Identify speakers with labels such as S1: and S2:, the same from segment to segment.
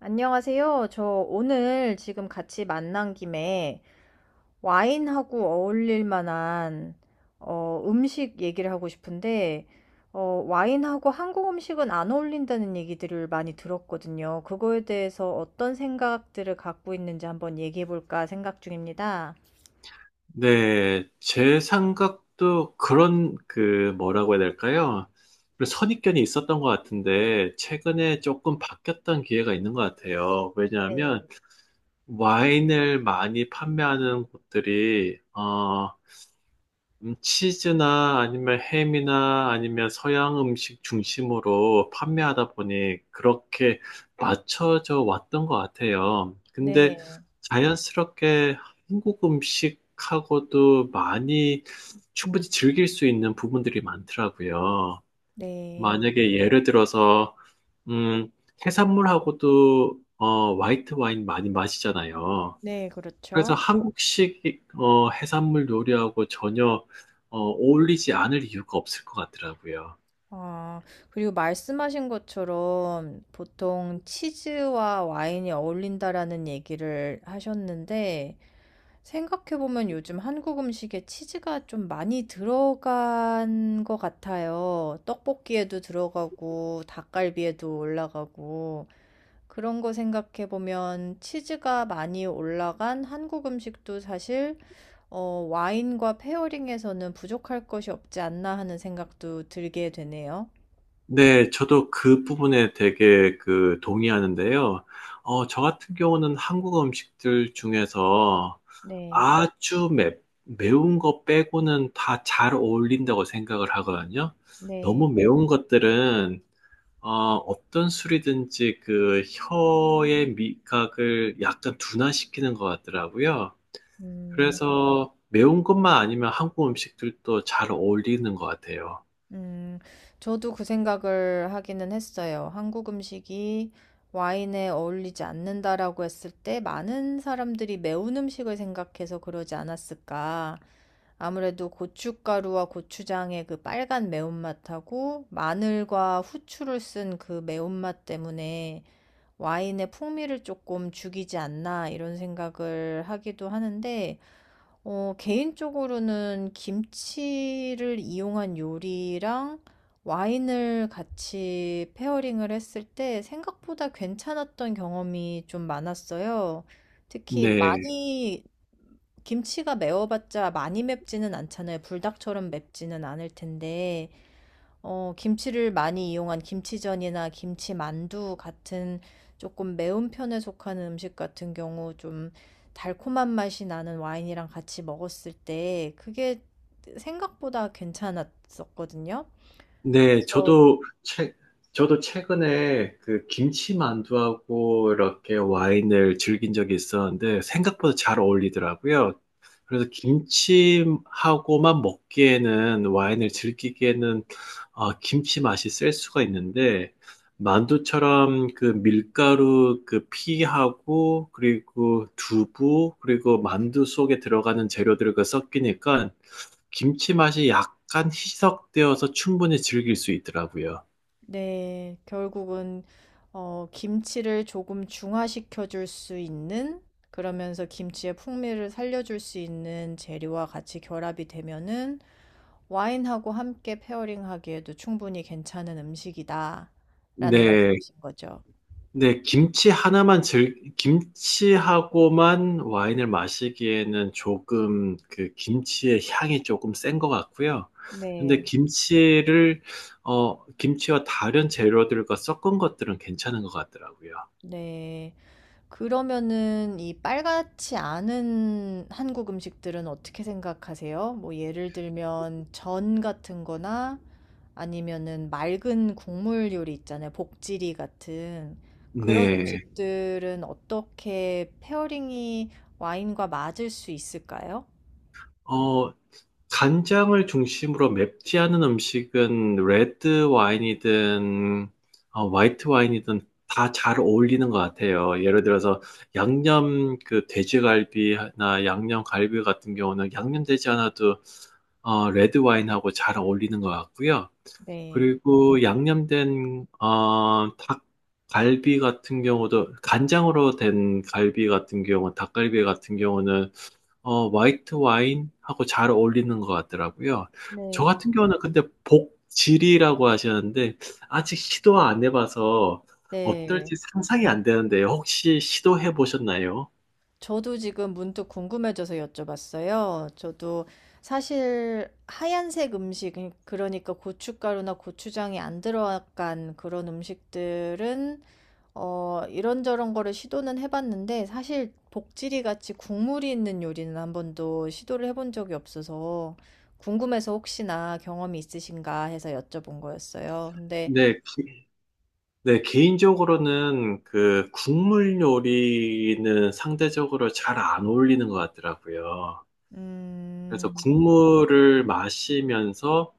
S1: 안녕하세요. 저 오늘 지금 같이 만난 김에 와인하고 어울릴 만한 음식 얘기를 하고 싶은데 어, 와인하고 한국 음식은 안 어울린다는 얘기들을 많이 들었거든요. 그거에 대해서 어떤 생각들을 갖고 있는지 한번 얘기해 볼까 생각 중입니다.
S2: 네, 제 생각도 그런 그 뭐라고 해야 될까요? 그런 선입견이 있었던 것 같은데 최근에 조금 바뀌었던 기회가 있는 것 같아요.
S1: 네.
S2: 왜냐하면 와인을 많이 판매하는 곳들이 치즈나 아니면 햄이나 아니면 서양 음식 중심으로 판매하다 보니 그렇게 맞춰져 왔던 것 같아요. 근데
S1: 네.
S2: 자연스럽게 한국 음식하고도 많이 충분히 즐길 수 있는 부분들이 많더라고요.
S1: 네.
S2: 만약에 예를 들어서, 음, 해산물하고도 화이트 와인 많이 마시잖아요.
S1: 네,
S2: 그래서
S1: 그렇죠.
S2: 한국식 해산물 요리하고 전혀 어울리지 않을 이유가 없을 것 같더라고요.
S1: 아, 그리고 말씀하신 것처럼 보통 치즈와 와인이 어울린다라는 얘기를 하셨는데, 생각해보면 요즘 한국 음식에 치즈가 좀 많이 들어간 것 같아요. 떡볶이에도 들어가고, 닭갈비에도 올라가고, 그런 거 생각해보면 치즈가 많이 올라간 한국 음식도 사실, 와인과 페어링에서는 부족할 것이 없지 않나 하는 생각도 들게 되네요.
S2: 네, 저도 그 부분에 되게 그 동의하는데요. 저 같은 경우는 한국 음식들 중에서
S1: 네,
S2: 아주 매, 매운 거 빼고는 다 잘 어울린다고 생각을 하거든요.
S1: 네,
S2: 너무 매운 것들은 어떤 술이든지 그 혀의 미각을 약간 둔화시키는 것 같더라고요.
S1: 음,
S2: 그래서 매운 것만 아니면 한국 음식들도 잘 어울리는 것 같아요.
S1: 음, 저도 그 생각을 하기는 했어요. 한국 음식이 와인에 어울리지 않는다라고 했을 때 많은 사람들이 매운 음식을 생각해서 그러지 않았을까. 아무래도 고춧가루와 고추장의 그 빨간 매운맛하고 마늘과 후추를 쓴 그 매운맛 때문에 와인의 풍미를 조금 죽이지 않나 이런 생각을 하기도 하는데 개인적으로는 김치를 이용한 요리랑 와인을 같이 페어링을 했을 때 생각보다 괜찮았던 경험이 좀 많았어요. 특히
S2: 네.
S1: 많이 김치가 매워봤자 많이 맵지는 않잖아요. 불닭처럼 맵지는 않을 텐데 김치를 많이 이용한 김치전이나 김치만두 같은 조금 매운 편에 속하는 음식 같은 경우 좀 달콤한 맛이 나는 와인이랑 같이 먹었을 때 그게 생각보다 괜찮았었거든요.
S2: 네,
S1: 그래서
S2: 저도 최, 저도 최근에 그 김치만두하고 이렇게 와인을 즐긴 적이 있었는데 생각보다 잘 어울리더라고요. 그래서 김치하고만 먹기에는 와인을 즐기기에는 김치 맛이 셀 수가 있는데 만두처럼 그 밀가루 그 피하고 그리고 두부 그리고 만두 속에 들어가는 재료들과 섞이니까 김치 맛이 약간 희석되어서 충분히 즐길 수 있더라고요.
S1: 네. 결국은 김치를 조금 중화시켜 줄 수 있는, 그러면서 김치의 풍미를 살려 줄 수 있는 재료와 같이 결합이 되면은 와인하고 함께 페어링하기에도 충분히 괜찮은 음식이다. 라는
S2: 네,
S1: 말씀이신 거죠.
S2: 김치하고만 와인을 마시기에는 조금 그 김치의 향이 조금 센 것 같고요. 근데
S1: 네.
S2: 김치를, 어, 김치와 다른 재료들과 섞은 것들은 괜찮은 것 같더라고요.
S1: 네. 그러면은 이 빨갛지 않은 한국 음식들은 어떻게 생각하세요? 뭐 예를 들면 전 같은 거나 아니면은 맑은 국물 요리 있잖아요. 복지리 같은 그런 음.
S2: 네.
S1: 음식들은 어떻게 페어링이 와인과 맞을 수 있을까요?
S2: 어, 간장을 중심으로 맵지 않은 음식은 레드 와인이든 화이트 와인이든 다 잘 어울리는 것 같아요. 예를 들어서 양념 그 돼지갈비나 양념 갈비 같은 경우는 양념되지 않아도 레드 와인하고 잘 어울리는 것 같고요.
S1: 네.
S2: 그리고 양념된 닭갈비 같은 경우도 간장으로 된 갈비 같은 경우, 닭갈비 같은 경우는 화이트 와인하고 잘 어울리는 것 같더라고요. 저
S1: 네.
S2: 같은 경우는 근데 복지리라고 하셨는데, 아직 시도 안 해봐서
S1: 네.
S2: 어떨지 상상이 안 되는데, 혹시 시도해 보셨나요?
S1: 저도 지금 문득 궁금해져서 여쭤봤어요. 저도 사실 하얀색 음식, 그러니까 고춧가루나 고추장이 안 들어간 그런 음식들은 이런저런 거를 시도는 해봤는데 사실 복지리 같이 국물이 있는 요리는 한 번도 시도를 해본 적이 없어서 궁금해서 혹시나 경험이 있으신가 해서 여쭤본 거였어요. 근데
S2: 네, 기- 네, 개인적으로는 그 국물 요리는 상대적으로 잘 안 어울리는 것 같더라고요. 그래서
S1: 음,
S2: 국물을 마시면서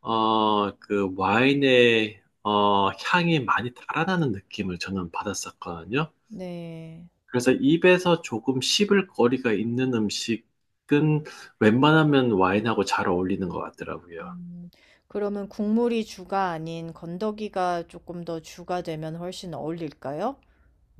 S2: 그 와인의 향이 많이 달아나는 느낌을 저는 받았었거든요.
S1: 네.
S2: 그래서 입에서 조금 씹을 거리가 있는 음식은 웬만하면 와인하고 잘 어울리는 것 같더라고요.
S1: 음. 그러면 국물이 주가 아닌 건더기가 조금 더 주가 되면 훨씬 어울릴까요?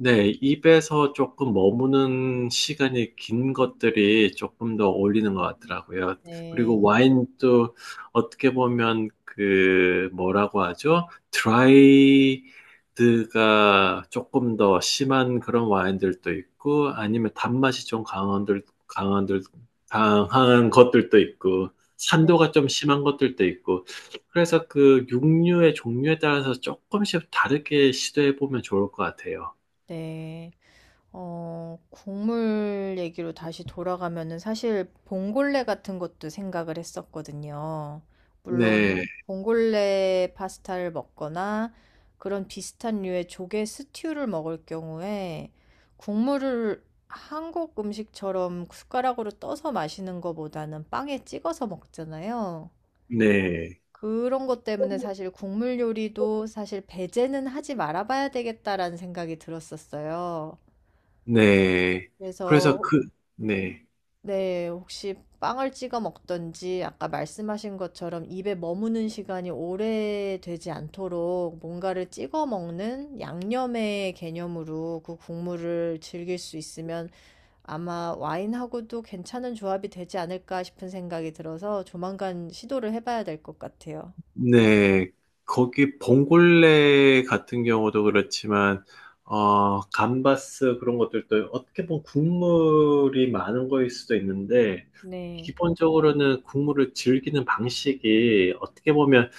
S2: 네, 입에서 조금 머무는 시간이 긴 것들이 조금 더 어울리는 것 같더라고요.
S1: 네.
S2: 그리고 와인도 어떻게 보면 그 뭐라고 하죠? 드라이드가 조금 더 심한 그런 와인들도 있고 아니면 단맛이 좀 강한 것들도 있고
S1: 네.
S2: 산도가 좀 심한 것들도 있고 그래서 그 육류의 종류에 따라서 조금씩 다르게 시도해 보면 좋을 것 같아요.
S1: 네. 국물 얘기로 다시 돌아가면은 사실 봉골레 같은 것도 생각을 했었거든요. 물론
S2: 네,
S1: 봉골레 파스타를 먹거나 그런 비슷한 류의 조개 스튜를 먹을 경우에 국물을 한국 음식처럼 숟가락으로 떠서 마시는 것보다는 빵에 찍어서 먹잖아요.
S2: 네,
S1: 그런 것 때문에 사실 국물 요리도 사실 배제는 하지 말아봐야 되겠다라는 생각이 들었었어요.
S2: 네. 그래서
S1: 그래서
S2: 그, 네,
S1: 네, 혹시 빵을 찍어 먹던지 아까 말씀하신 것처럼 입에 머무는 시간이 오래 되지 않도록 뭔가를 찍어 먹는 양념의 개념으로 그 국물을 즐길 수 있으면 아마 와인하고도 괜찮은 조합이 되지 않을까 싶은 생각이 들어서 조만간 시도를 해봐야 될 것 같아요.
S2: 네. 거기 봉골레 같은 경우도 그렇지만, 감바스 그런 것들도 어떻게 보면 국물이 많은 거일 수도 있는데,
S1: 네,
S2: 기본적으로는 국물을 즐기는 방식이 어떻게 보면,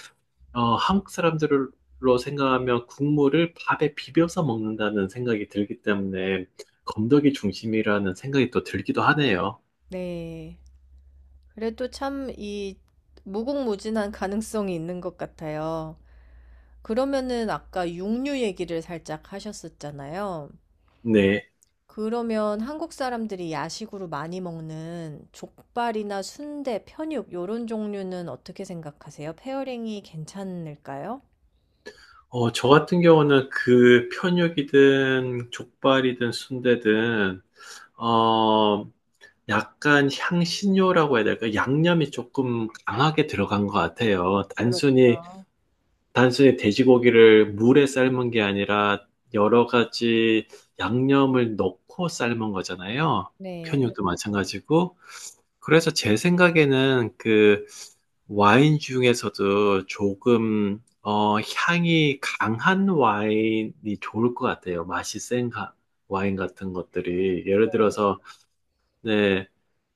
S2: 한국 사람들로 생각하면 국물을 밥에 비벼서 먹는다는 생각이 들기 때문에, 건더기 중심이라는 생각이 또 들기도 하네요.
S1: 네. 그래도 참 이 무궁무진한 가능성이 있는 것 같아요. 그러면은 아까 육류 얘기를 살짝 하셨었잖아요.
S2: 네.
S1: 그러면 한국 사람들이 야식으로 많이 먹는 족발이나 순대, 편육 요런 종류는 어떻게 생각하세요? 페어링이 괜찮을까요?
S2: 저 같은 경우는 그 편육이든 족발이든 순대든 어, 약간 향신료라고 해야 될까? 양념이 조금 강하게 들어간 것 같아요.
S1: 그렇죠.
S2: 단순히 돼지고기를 물에 삶은 게 아니라 여러 가지 양념을 넣고 삶은 거잖아요.
S1: 네,
S2: 편육도 마찬가지고. 그래서 제 생각에는 그 와인 중에서도 조금 향이 강한 와인이 좋을 것 같아요. 와인 같은 것들이. 예를 들어서 네,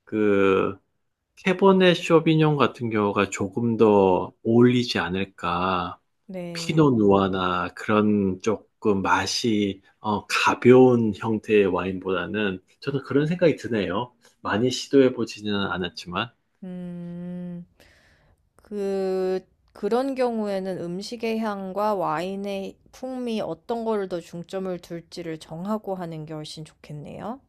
S2: 그 캐보네 쇼비뇽 같은 경우가 조금 더 어울리지 않을까. 피노
S1: 네.
S2: 누아나 그런 조금 맛이 가벼운 형태의 와인보다는 저는 그런 생각이 드네요. 많이 시도해 보지는 않았지만.
S1: 음, 그, 그런 경우에는 음식의 향과 와인의 풍미 어떤 거를 더 중점을 둘지를 정하고 하는 게 훨씬 좋겠네요.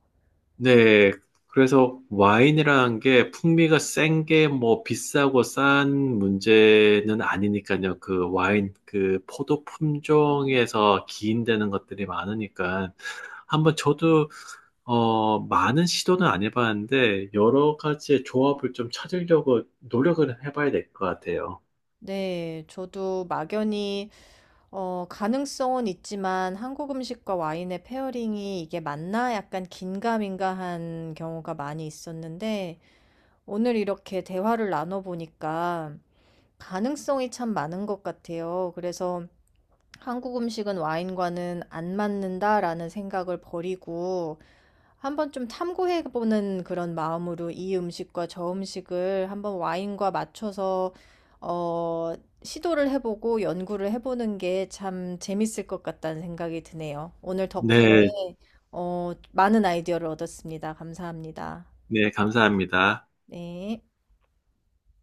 S2: 네. 그래서 와인이라는 게 풍미가 센 게 뭐 비싸고 싼 문제는 아니니까요. 그 와인, 그 포도 품종에서 기인되는 것들이 많으니까. 한번 저도 많은 시도는 안 해봤는데, 여러 가지의 조합을 좀 찾으려고 노력을 해봐야 될 것 같아요.
S1: 네, 저도 막연히 가능성은 있지만 한국 음식과 와인의 페어링이 이게 맞나 약간 긴가민가한 경우가 많이 있었는데 오늘 이렇게 대화를 나눠보니까 가능성이 참 많은 것 같아요. 그래서 한국 음식은 와인과는 안 맞는다라는 생각을 버리고 한번 좀 탐구해 보는 그런 마음으로 이 음식과 저 음식을 한번 와인과 맞춰서 어, 시도를 해보고 연구를 해보는 게 참 재밌을 것 같다는 생각이 드네요. 오늘 덕분에
S2: 네,
S1: 많은 아이디어를 얻었습니다. 감사합니다.
S2: 네, 감사합니다.
S1: 네.